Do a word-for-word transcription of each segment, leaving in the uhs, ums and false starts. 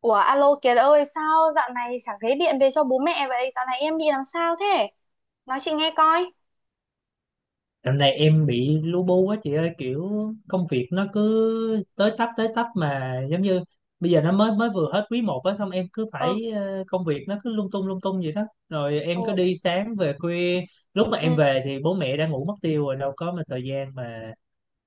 Ủa alo Kiệt ơi, sao dạo này chẳng thấy điện về cho bố mẹ vậy? Dạo này em bị làm sao thế? Nói chị nghe coi. Dạo này em bị lu bu quá chị ơi, kiểu công việc nó cứ tới tấp tới tấp, mà giống như bây giờ nó mới mới vừa hết quý một á. Xong em cứ Ừ. phải, ờ, công việc nó cứ lung tung lung tung vậy đó. Rồi Ừ. em cứ đi sáng về khuya, lúc mà em Ừ. về thì bố mẹ đã ngủ mất tiêu rồi, đâu có mà thời gian mà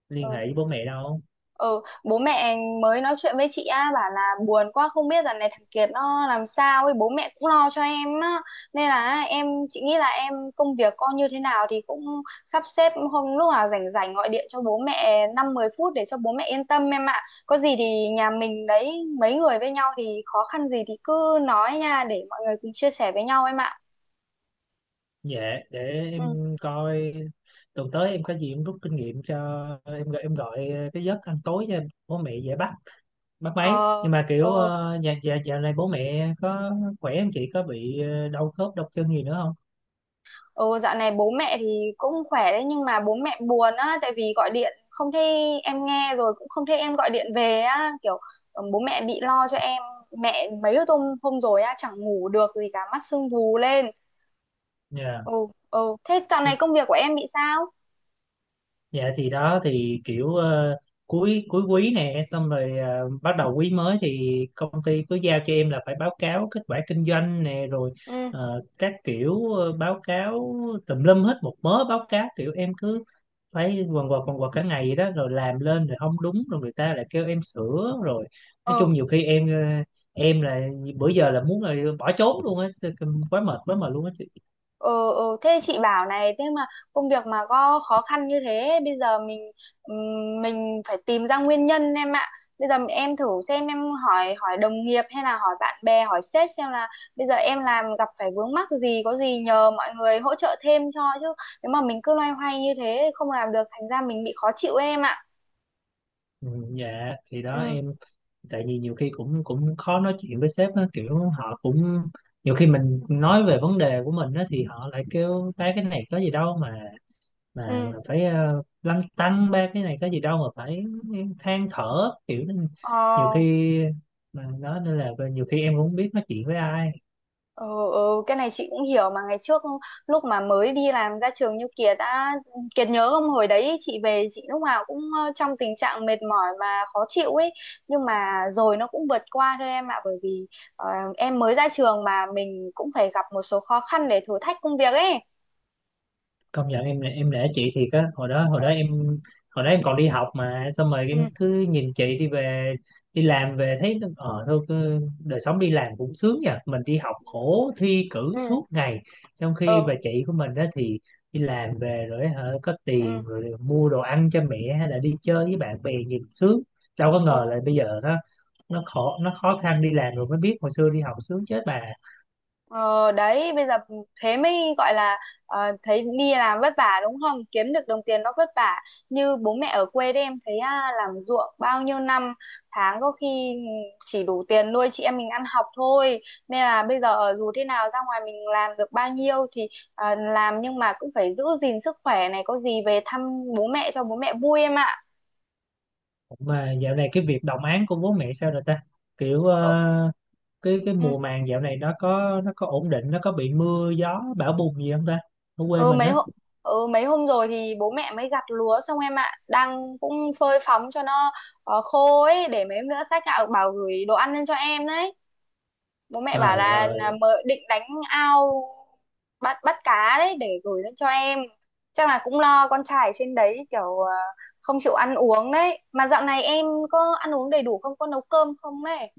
liên hệ Ừ. với bố mẹ đâu. Ừ, bố mẹ mới nói chuyện với chị á, bảo là buồn quá không biết dạo này thằng Kiệt nó làm sao ấy, bố mẹ cũng lo cho em á. Nên là em, chị nghĩ là em công việc con như thế nào thì cũng sắp xếp hôm lúc nào rảnh rảnh gọi điện cho bố mẹ năm mười phút để cho bố mẹ yên tâm em ạ. Có gì thì nhà mình đấy, mấy người với nhau thì khó khăn gì thì cứ nói nha, để mọi người cùng chia sẻ với nhau em ạ. Dạ, để Ừ. em coi tuần tới em có gì, em rút kinh nghiệm cho em em gọi cái giấc ăn tối cho bố mẹ dễ bắt mất mấy. Ờ. Nhưng mà kiểu, Ừ. ờ, dạ dạ, dạo này bố mẹ có khỏe không chị? Có bị ờ, đau khớp đau chân gì nữa không? Ừ, dạo này bố mẹ thì cũng khỏe đấy nhưng mà bố mẹ buồn á, tại vì gọi điện không thấy em nghe rồi cũng không thấy em gọi điện về á kiểu. Ừ, bố mẹ bị lo cho em. Mẹ mấy hôm hôm rồi á, chẳng ngủ được gì cả, mắt sưng vù lên. Dạ Ừ. Ừ, thế dạo này công việc của em bị sao? dạ, thì đó thì kiểu, ờ, cuối cuối quý nè, xong rồi ờ, bắt đầu quý mới thì công ty cứ giao cho em là phải báo cáo kết quả kinh doanh nè. Rồi Ừ. ờ, các kiểu, ờ, báo cáo tùm lum hết một mớ báo cáo, kiểu em cứ phải quần quật quần quật cả ngày vậy đó. Rồi làm lên rồi không đúng, rồi người ta lại kêu em sửa. Rồi nói Ừ. chung nhiều khi em ờ, em là, bữa giờ là muốn là bỏ trốn luôn á, tức là quá mệt quá mệt luôn á chị. Ừ. Ừ. Thế chị bảo này, thế mà công việc mà có khó khăn như thế bây giờ mình ừm, mình phải tìm ra nguyên nhân em ạ. Bây giờ em thử xem, em hỏi hỏi đồng nghiệp hay là hỏi bạn bè, hỏi sếp xem là bây giờ em làm gặp phải vướng mắc gì, có gì nhờ mọi người hỗ trợ thêm cho chứ. Nếu mà mình cứ loay hoay như thế không làm được, thành ra mình bị khó chịu em ạ. Ừ, dạ thì đó Ừ. em, tại vì nhiều khi cũng cũng khó nói chuyện với sếp á, kiểu họ cũng, nhiều khi mình nói về vấn đề của mình á thì họ lại kêu ta cái này có gì đâu mà mà mà Ừ. phải, uh, lăn tăn ba cái này có gì đâu mà phải than thở, kiểu nên nhiều Ờ. khi mà nói, nên là nhiều khi em cũng không biết nói chuyện với ai. Ừ. Ừ, cái này chị cũng hiểu mà. Ngày trước lúc mà mới đi làm ra trường như Kiệt đã, Kiệt nhớ không, hồi đấy chị về chị lúc nào cũng ờ, trong tình trạng mệt mỏi và khó chịu ấy. Nhưng mà rồi nó cũng vượt qua thôi em ạ, bởi vì ờ, em mới ra trường mà mình cũng phải gặp một số khó khăn để thử thách công việc ấy. Công nhận em em nể chị thiệt á. hồi đó hồi Ờ. đó em hồi đó em còn đi học, mà xong rồi Ừ. em cứ nhìn chị đi về đi làm về thấy nó- ờ thôi cứ, đời sống đi làm cũng sướng nha. Mình đi học khổ thi cử Ừ. suốt ngày, trong khi Ừ. bà chị của mình đó thì đi làm về rồi hả, có Ừ. tiền rồi mua đồ ăn cho mẹ hay là đi chơi với bạn bè nhìn sướng. Đâu có Ừ. ngờ là bây giờ nó nó khó nó khó khăn, đi làm rồi mới biết hồi xưa đi học sướng chết bà. Ờ đấy, bây giờ thế mới gọi là ờ, thấy đi làm vất vả đúng không, kiếm được đồng tiền nó vất vả như bố mẹ ở quê đấy em thấy à, làm ruộng bao nhiêu năm tháng có khi chỉ đủ tiền nuôi chị em mình ăn học thôi. Nên là bây giờ dù thế nào ra ngoài mình làm được bao nhiêu thì à, làm nhưng mà cũng phải giữ gìn sức khỏe này, có gì về thăm bố mẹ cho bố mẹ vui em ạ. Mà dạo này cái việc đồng áng của bố mẹ sao rồi ta? Kiểu Ờ. ờ, cái cái Ừ. mùa màng dạo này nó có nó có ổn định, nó có bị mưa gió bão bùng gì không ta? Ở quê ừ mình mấy á. hôm ừ mấy hôm rồi thì bố mẹ mới gặt lúa xong em ạ, đang cũng phơi phóng cho nó ờ, khô ấy, để mấy hôm nữa sách gạo bảo gửi đồ ăn lên cho em đấy. Bố mẹ bảo Trời là, là ơi. mời định đánh ao bắt bắt cá đấy để gửi lên cho em. Chắc là cũng lo con trai ở trên đấy kiểu ờ, không chịu ăn uống đấy, mà dạo này em có ăn uống đầy đủ không, có nấu cơm không đấy?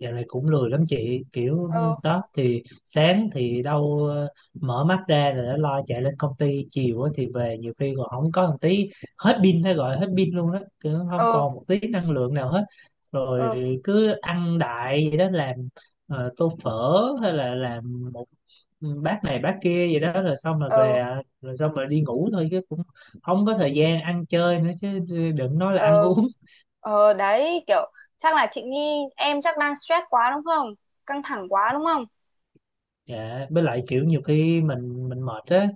Dạo này cũng lười lắm chị. Kiểu Ừ. đó thì sáng thì đâu, ờ, mở mắt ra rồi đã lo chạy lên công ty, chiều á thì về nhiều khi còn không có một tí, hết pin hay gọi hết pin luôn đó, kiểu không Ừ. còn một tí năng lượng nào hết. Rồi Ừ. cứ ăn đại vậy đó, làm ờ, tô phở hay là làm một, ừ, bát này bát kia vậy đó. Rồi xong rồi Ừ. về, à, rồi xong rồi đi ngủ thôi, chứ cũng không có thời gian ăn chơi nữa chứ, đừng nói là ăn Ừ. uống. Ờ đấy kiểu, chắc là chị nghĩ em chắc đang stress quá đúng không? Căng thẳng quá đúng không? Dạ, với lại kiểu nhiều khi mình mình mệt á,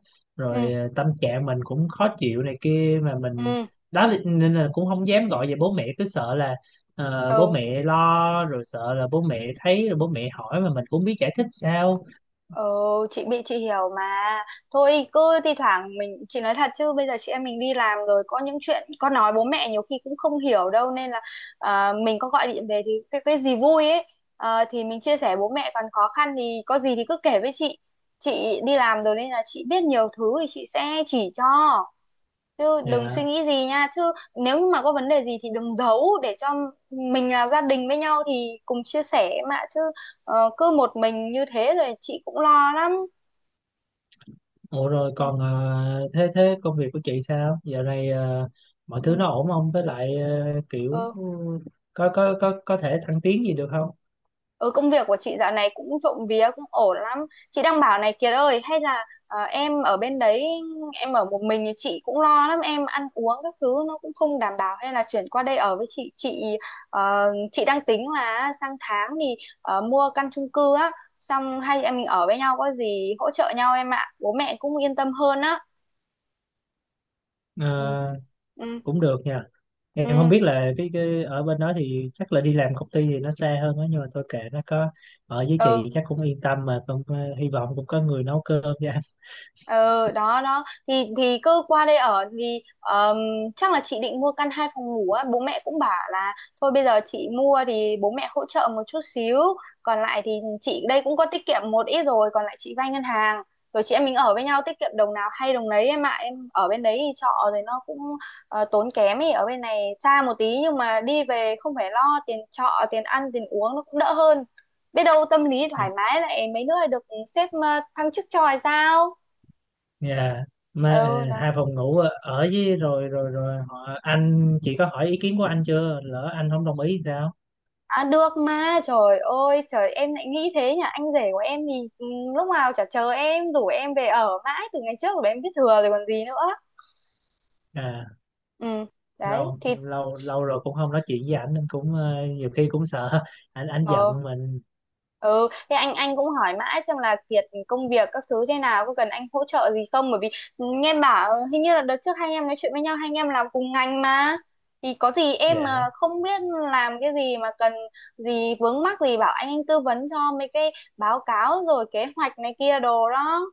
Ừ. rồi ờ, tâm trạng mình cũng khó chịu này kia, mà mình Ừ. đó là- nên là cũng không dám gọi về bố mẹ, cứ sợ là ờ, bố Ừ. mẹ lo, rồi sợ là bố mẹ thấy rồi bố mẹ hỏi mà mình cũng biết giải thích sao. Ờ, chị bị chị hiểu mà. Thôi cứ thi thoảng mình, chị nói thật chứ bây giờ chị em mình đi làm rồi, có những chuyện con nói bố mẹ nhiều khi cũng không hiểu đâu, nên là ờ, mình có gọi điện về thì cái cái gì vui ấy ờ, thì mình chia sẻ, bố mẹ còn khó khăn thì có gì thì cứ kể với chị. Chị đi làm rồi nên là chị biết nhiều thứ thì chị sẽ chỉ cho, chứ đừng suy Dạ. nghĩ gì nha. Chứ nếu như mà có vấn đề gì thì đừng giấu, để cho mình là gia đình với nhau thì cùng chia sẻ mà chứ. Ờ, cứ một mình như thế rồi chị cũng lo lắm. Ủa rồi Ừ. còn ờ, thế thế công việc của chị sao? Dạo này ờ, mọi thứ Ừ. nó ổn không? Với lại ờ, kiểu, Ừ. ừ, có có có có thể thăng tiến gì được không? Ừ, công việc của chị dạo này cũng trộm vía cũng ổn lắm. Chị đang bảo này Kiệt ơi, hay là ờ, em ở bên đấy, em ở một mình thì chị cũng lo lắm, em ăn uống các thứ nó cũng không đảm bảo, hay là chuyển qua đây ở với chị. Chị ờ, chị đang tính là sang tháng thì ờ, mua căn chung cư á, xong hai chị em mình ở với nhau có gì hỗ trợ nhau em ạ. Bố mẹ cũng yên tâm hơn á. Ừ. Ờ, Ừ. cũng được nha. Em không Ừ. biết là cái, cái ở bên đó thì chắc là đi làm công ty thì nó xa hơn đó, nhưng mà thôi kệ, nó có ở với Ừ. chị chắc cũng yên tâm, mà cũng ờ, hy vọng cũng có người nấu cơm cho anh. Ờ, đó đó thì thì cứ qua đây ở thì ờm, chắc là chị định mua căn hai phòng ngủ á. Bố mẹ cũng bảo là thôi bây giờ chị mua thì bố mẹ hỗ trợ một chút xíu, còn lại thì chị đây cũng có tiết kiệm một ít rồi, còn lại chị vay ngân hàng, rồi chị em mình ở với nhau tiết kiệm đồng nào hay đồng nấy em ạ. Em ở bên đấy thì trọ rồi nó cũng ờ, tốn kém ấy, ở bên này xa một tí nhưng mà đi về không phải lo tiền trọ tiền ăn tiền uống nó cũng đỡ hơn. Biết đâu tâm lý thoải mái lại mấy nữa lại được sếp ờ, thăng chức cho hay sao. Nhà mà Ừ ờ, hai đó. phòng ngủ ở ở với, rồi rồi rồi họ, anh chị có hỏi ý kiến của anh chưa, lỡ anh không đồng ý thì sao? À, được mà, trời ơi trời em lại nghĩ thế nhỉ, anh rể của em thì ừ, lúc nào chả chờ em rủ em về ở mãi từ ngày trước rồi, em biết thừa rồi còn gì nữa. À, Ừ đấy lâu thì. lâu lâu rồi cũng không nói chuyện với ảnh nên cũng ờ, nhiều khi cũng sợ anh anh Ờ. giận mình. Ừ, thế anh anh cũng hỏi mãi xem là Kiệt công việc các thứ thế nào có cần anh hỗ trợ gì không, bởi vì nghe em bảo hình như là đợt trước hai anh em nói chuyện với nhau, hai anh em làm cùng ngành mà, thì có gì em Dạ. mà không biết làm cái gì mà cần gì vướng mắc gì bảo anh anh tư vấn cho mấy cái báo cáo rồi kế hoạch này kia đồ đó.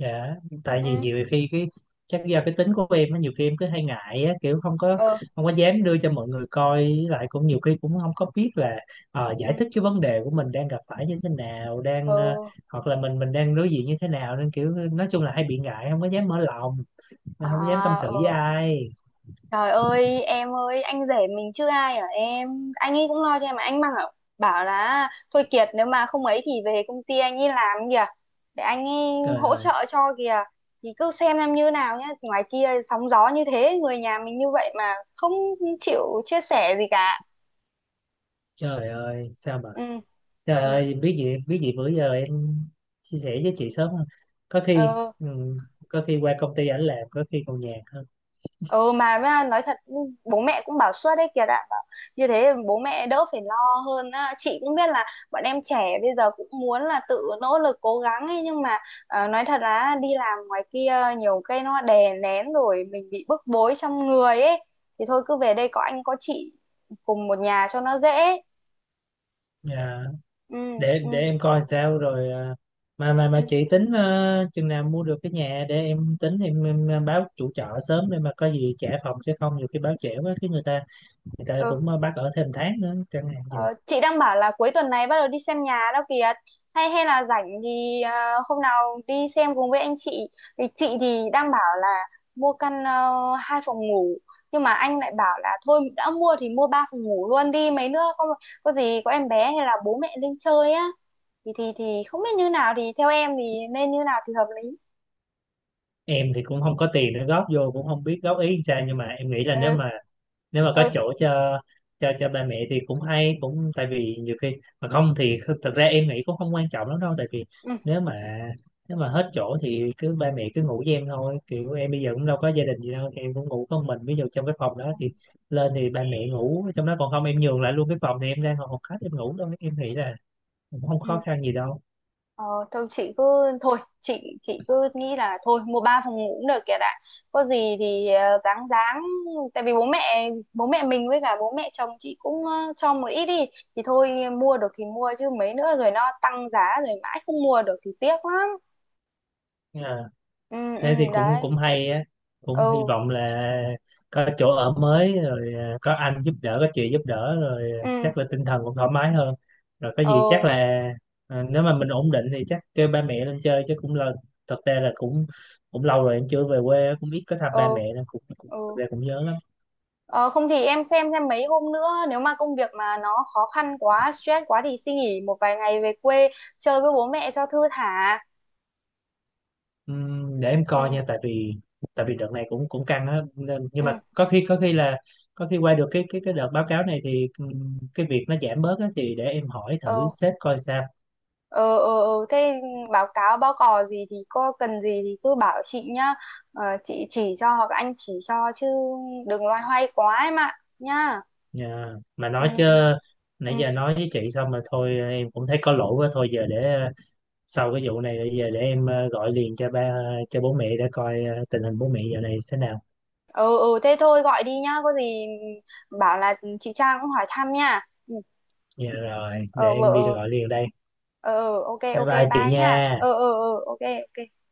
Dạ, tại vì Ừ. nhiều khi cái, chắc do cái tính của em á, nhiều khi em cứ hay ngại á, kiểu không có, Ừ. không có dám đưa cho mọi người coi, với lại cũng nhiều khi cũng không có biết là ờ, giải Ừ. thích cái vấn đề của mình đang gặp phải như thế nào, đang ờ, Ừ. hoặc là mình mình đang đối diện như thế nào, nên kiểu nói chung là hay bị ngại, không có dám mở lòng, không dám tâm À. sự với Ừ. ai. Trời ơi em ơi, anh rể mình chưa ai ở em, anh ấy cũng lo cho em mà anh mang bảo, bảo là thôi Kiệt, nếu mà không ấy thì về công ty anh ấy làm kìa, để anh ấy Trời hỗ ơi, trợ cho kìa. Thì cứ xem em như nào nhá, ngoài kia sóng gió như thế, người nhà mình như vậy mà không chịu chia sẻ gì cả. trời ơi, sao mà Ừ. trời Ừ. ơi, biết gì biết gì bữa giờ em chia sẻ với chị sớm hơn. Có khi, Ừ. ừ, có khi qua công ty ảnh làm, có khi còn nhàn hơn. Ừ, mà với nói thật nhưng bố mẹ cũng bảo suốt đấy kìa, đã bảo như thế bố mẹ đỡ phải lo hơn á. Chị cũng biết là bọn em trẻ bây giờ cũng muốn là tự nỗ lực cố gắng ấy, nhưng mà ờ, nói thật là đi làm ngoài kia nhiều cái nó đè nén rồi mình bị bức bối trong người ấy, thì thôi cứ về đây có anh có chị cùng một nhà cho nó dễ. Dạ. Ừ. để Ừ. để em coi sao rồi, à, mà mà mà Ừ. chị tính ờ, chừng nào mua được cái nhà để em tính, em, em báo chủ trọ sớm để mà có gì trả phòng, chứ không nhiều khi báo trễ quá cái người ta, người ta Ừ. cũng ờ, bắt ở thêm tháng nữa chẳng hạn vậy. Ờ, chị đang bảo là cuối tuần này bắt đầu đi xem nhà đó kìa, hay hay là rảnh thì ờ, hôm nào đi xem cùng với anh chị. Thì chị thì đang bảo là mua căn ờ, hai phòng ngủ, nhưng mà anh lại bảo là thôi đã mua thì mua ba phòng ngủ luôn đi, mấy nữa có có gì, có em bé hay là bố mẹ lên chơi á, thì thì thì không biết như nào, thì theo em thì nên như nào thì hợp lý. Em thì cũng không có tiền để góp vô, cũng không biết góp ý làm sao, nhưng mà em nghĩ là nếu Ừ. mà nếu mà có Ừ. chỗ cho cho cho ba mẹ thì cũng hay cũng, tại vì nhiều khi mà không thì kh- thật ra em nghĩ cũng không quan trọng lắm đâu. Tại vì Ừ. nếu mà nếu mà hết chỗ thì cứ ba mẹ cứ ngủ với em thôi, kiểu em bây giờ cũng đâu có gia đình gì đâu, thì em cũng ngủ con mình ví dụ trong cái phòng đó thì lên thì ba mẹ ngủ trong đó, còn không em nhường lại luôn cái phòng thì em ra ngồi phòng khách em ngủ thôi, em nghĩ là cũng không khó Ừ. khăn gì đâu. Ờ, thôi chị cứ thôi chị chị cứ nghĩ là thôi mua ba phòng ngủ cũng được kìa, đã có gì thì ờ, ráng ráng tại vì bố mẹ bố mẹ mình với cả bố mẹ chồng chị cũng ờ, cho một ít đi, thì thôi mua được thì mua chứ mấy nữa rồi nó tăng giá, rồi mãi không mua được thì tiếc lắm. Dạ. Ừ. Ừ Thế thì cũng đấy. cũng hay á, cũng hy Ừ. vọng là có chỗ ở mới rồi, à, có anh giúp đỡ có chị giúp đỡ rồi, à, Ừ. chắc là tinh thần cũng thoải mái hơn, rồi có gì chắc Ừ. là, à, nếu mà mình ổn định thì chắc kêu ba mẹ lên chơi chứ. Cũng là, thật ra là cũng, cũng, lâu rồi em chưa về quê, cũng ít có thăm ba Ừ. mẹ nên cũng, cũng thật Ừ. ra cũng nhớ lắm. ờ, không thì em xem xem mấy hôm nữa nếu mà công việc mà nó khó khăn quá stress quá thì xin nghỉ một vài ngày về quê chơi với bố mẹ cho thư thả. Ừm, để em coi Ừ. nha, tại vì tại vì đợt này cũng cũng căng á nên, nhưng Ừ. mà có khi có khi là có khi qua được cái cái cái đợt báo cáo này thì, ừm, cái việc nó giảm bớt á, thì để em hỏi thử Ờ. sếp coi sao. Ờ. Ờ. Ờ. Thế báo cáo báo cò gì thì có cần gì thì cứ bảo chị nhá. Ờ, chị chỉ cho hoặc anh chỉ cho chứ đừng loay hoay quá em ạ nhá. Dạ. Mà Ừ. nói chứ, Ừ. Ừ. nãy giờ nói với chị xong mà thôi em cũng thấy có lỗi quá. Thôi giờ để ờ, sau cái vụ này rồi, giờ để em ờ, gọi liền cho ba cho bố mẹ để coi ờ, tình hình bố mẹ giờ này thế nào. Ờ. Ờ, thế thôi gọi đi nhá, có gì bảo là chị Trang cũng hỏi thăm nha. Ừ. Dạ rồi, để Ờ vợ. em đi Ờ. gọi liền đây. Ờ. Ờ, ok Bye ok bye chị bye nha. nhá. Ờ. Ờ. Ờ. Ok. Ok.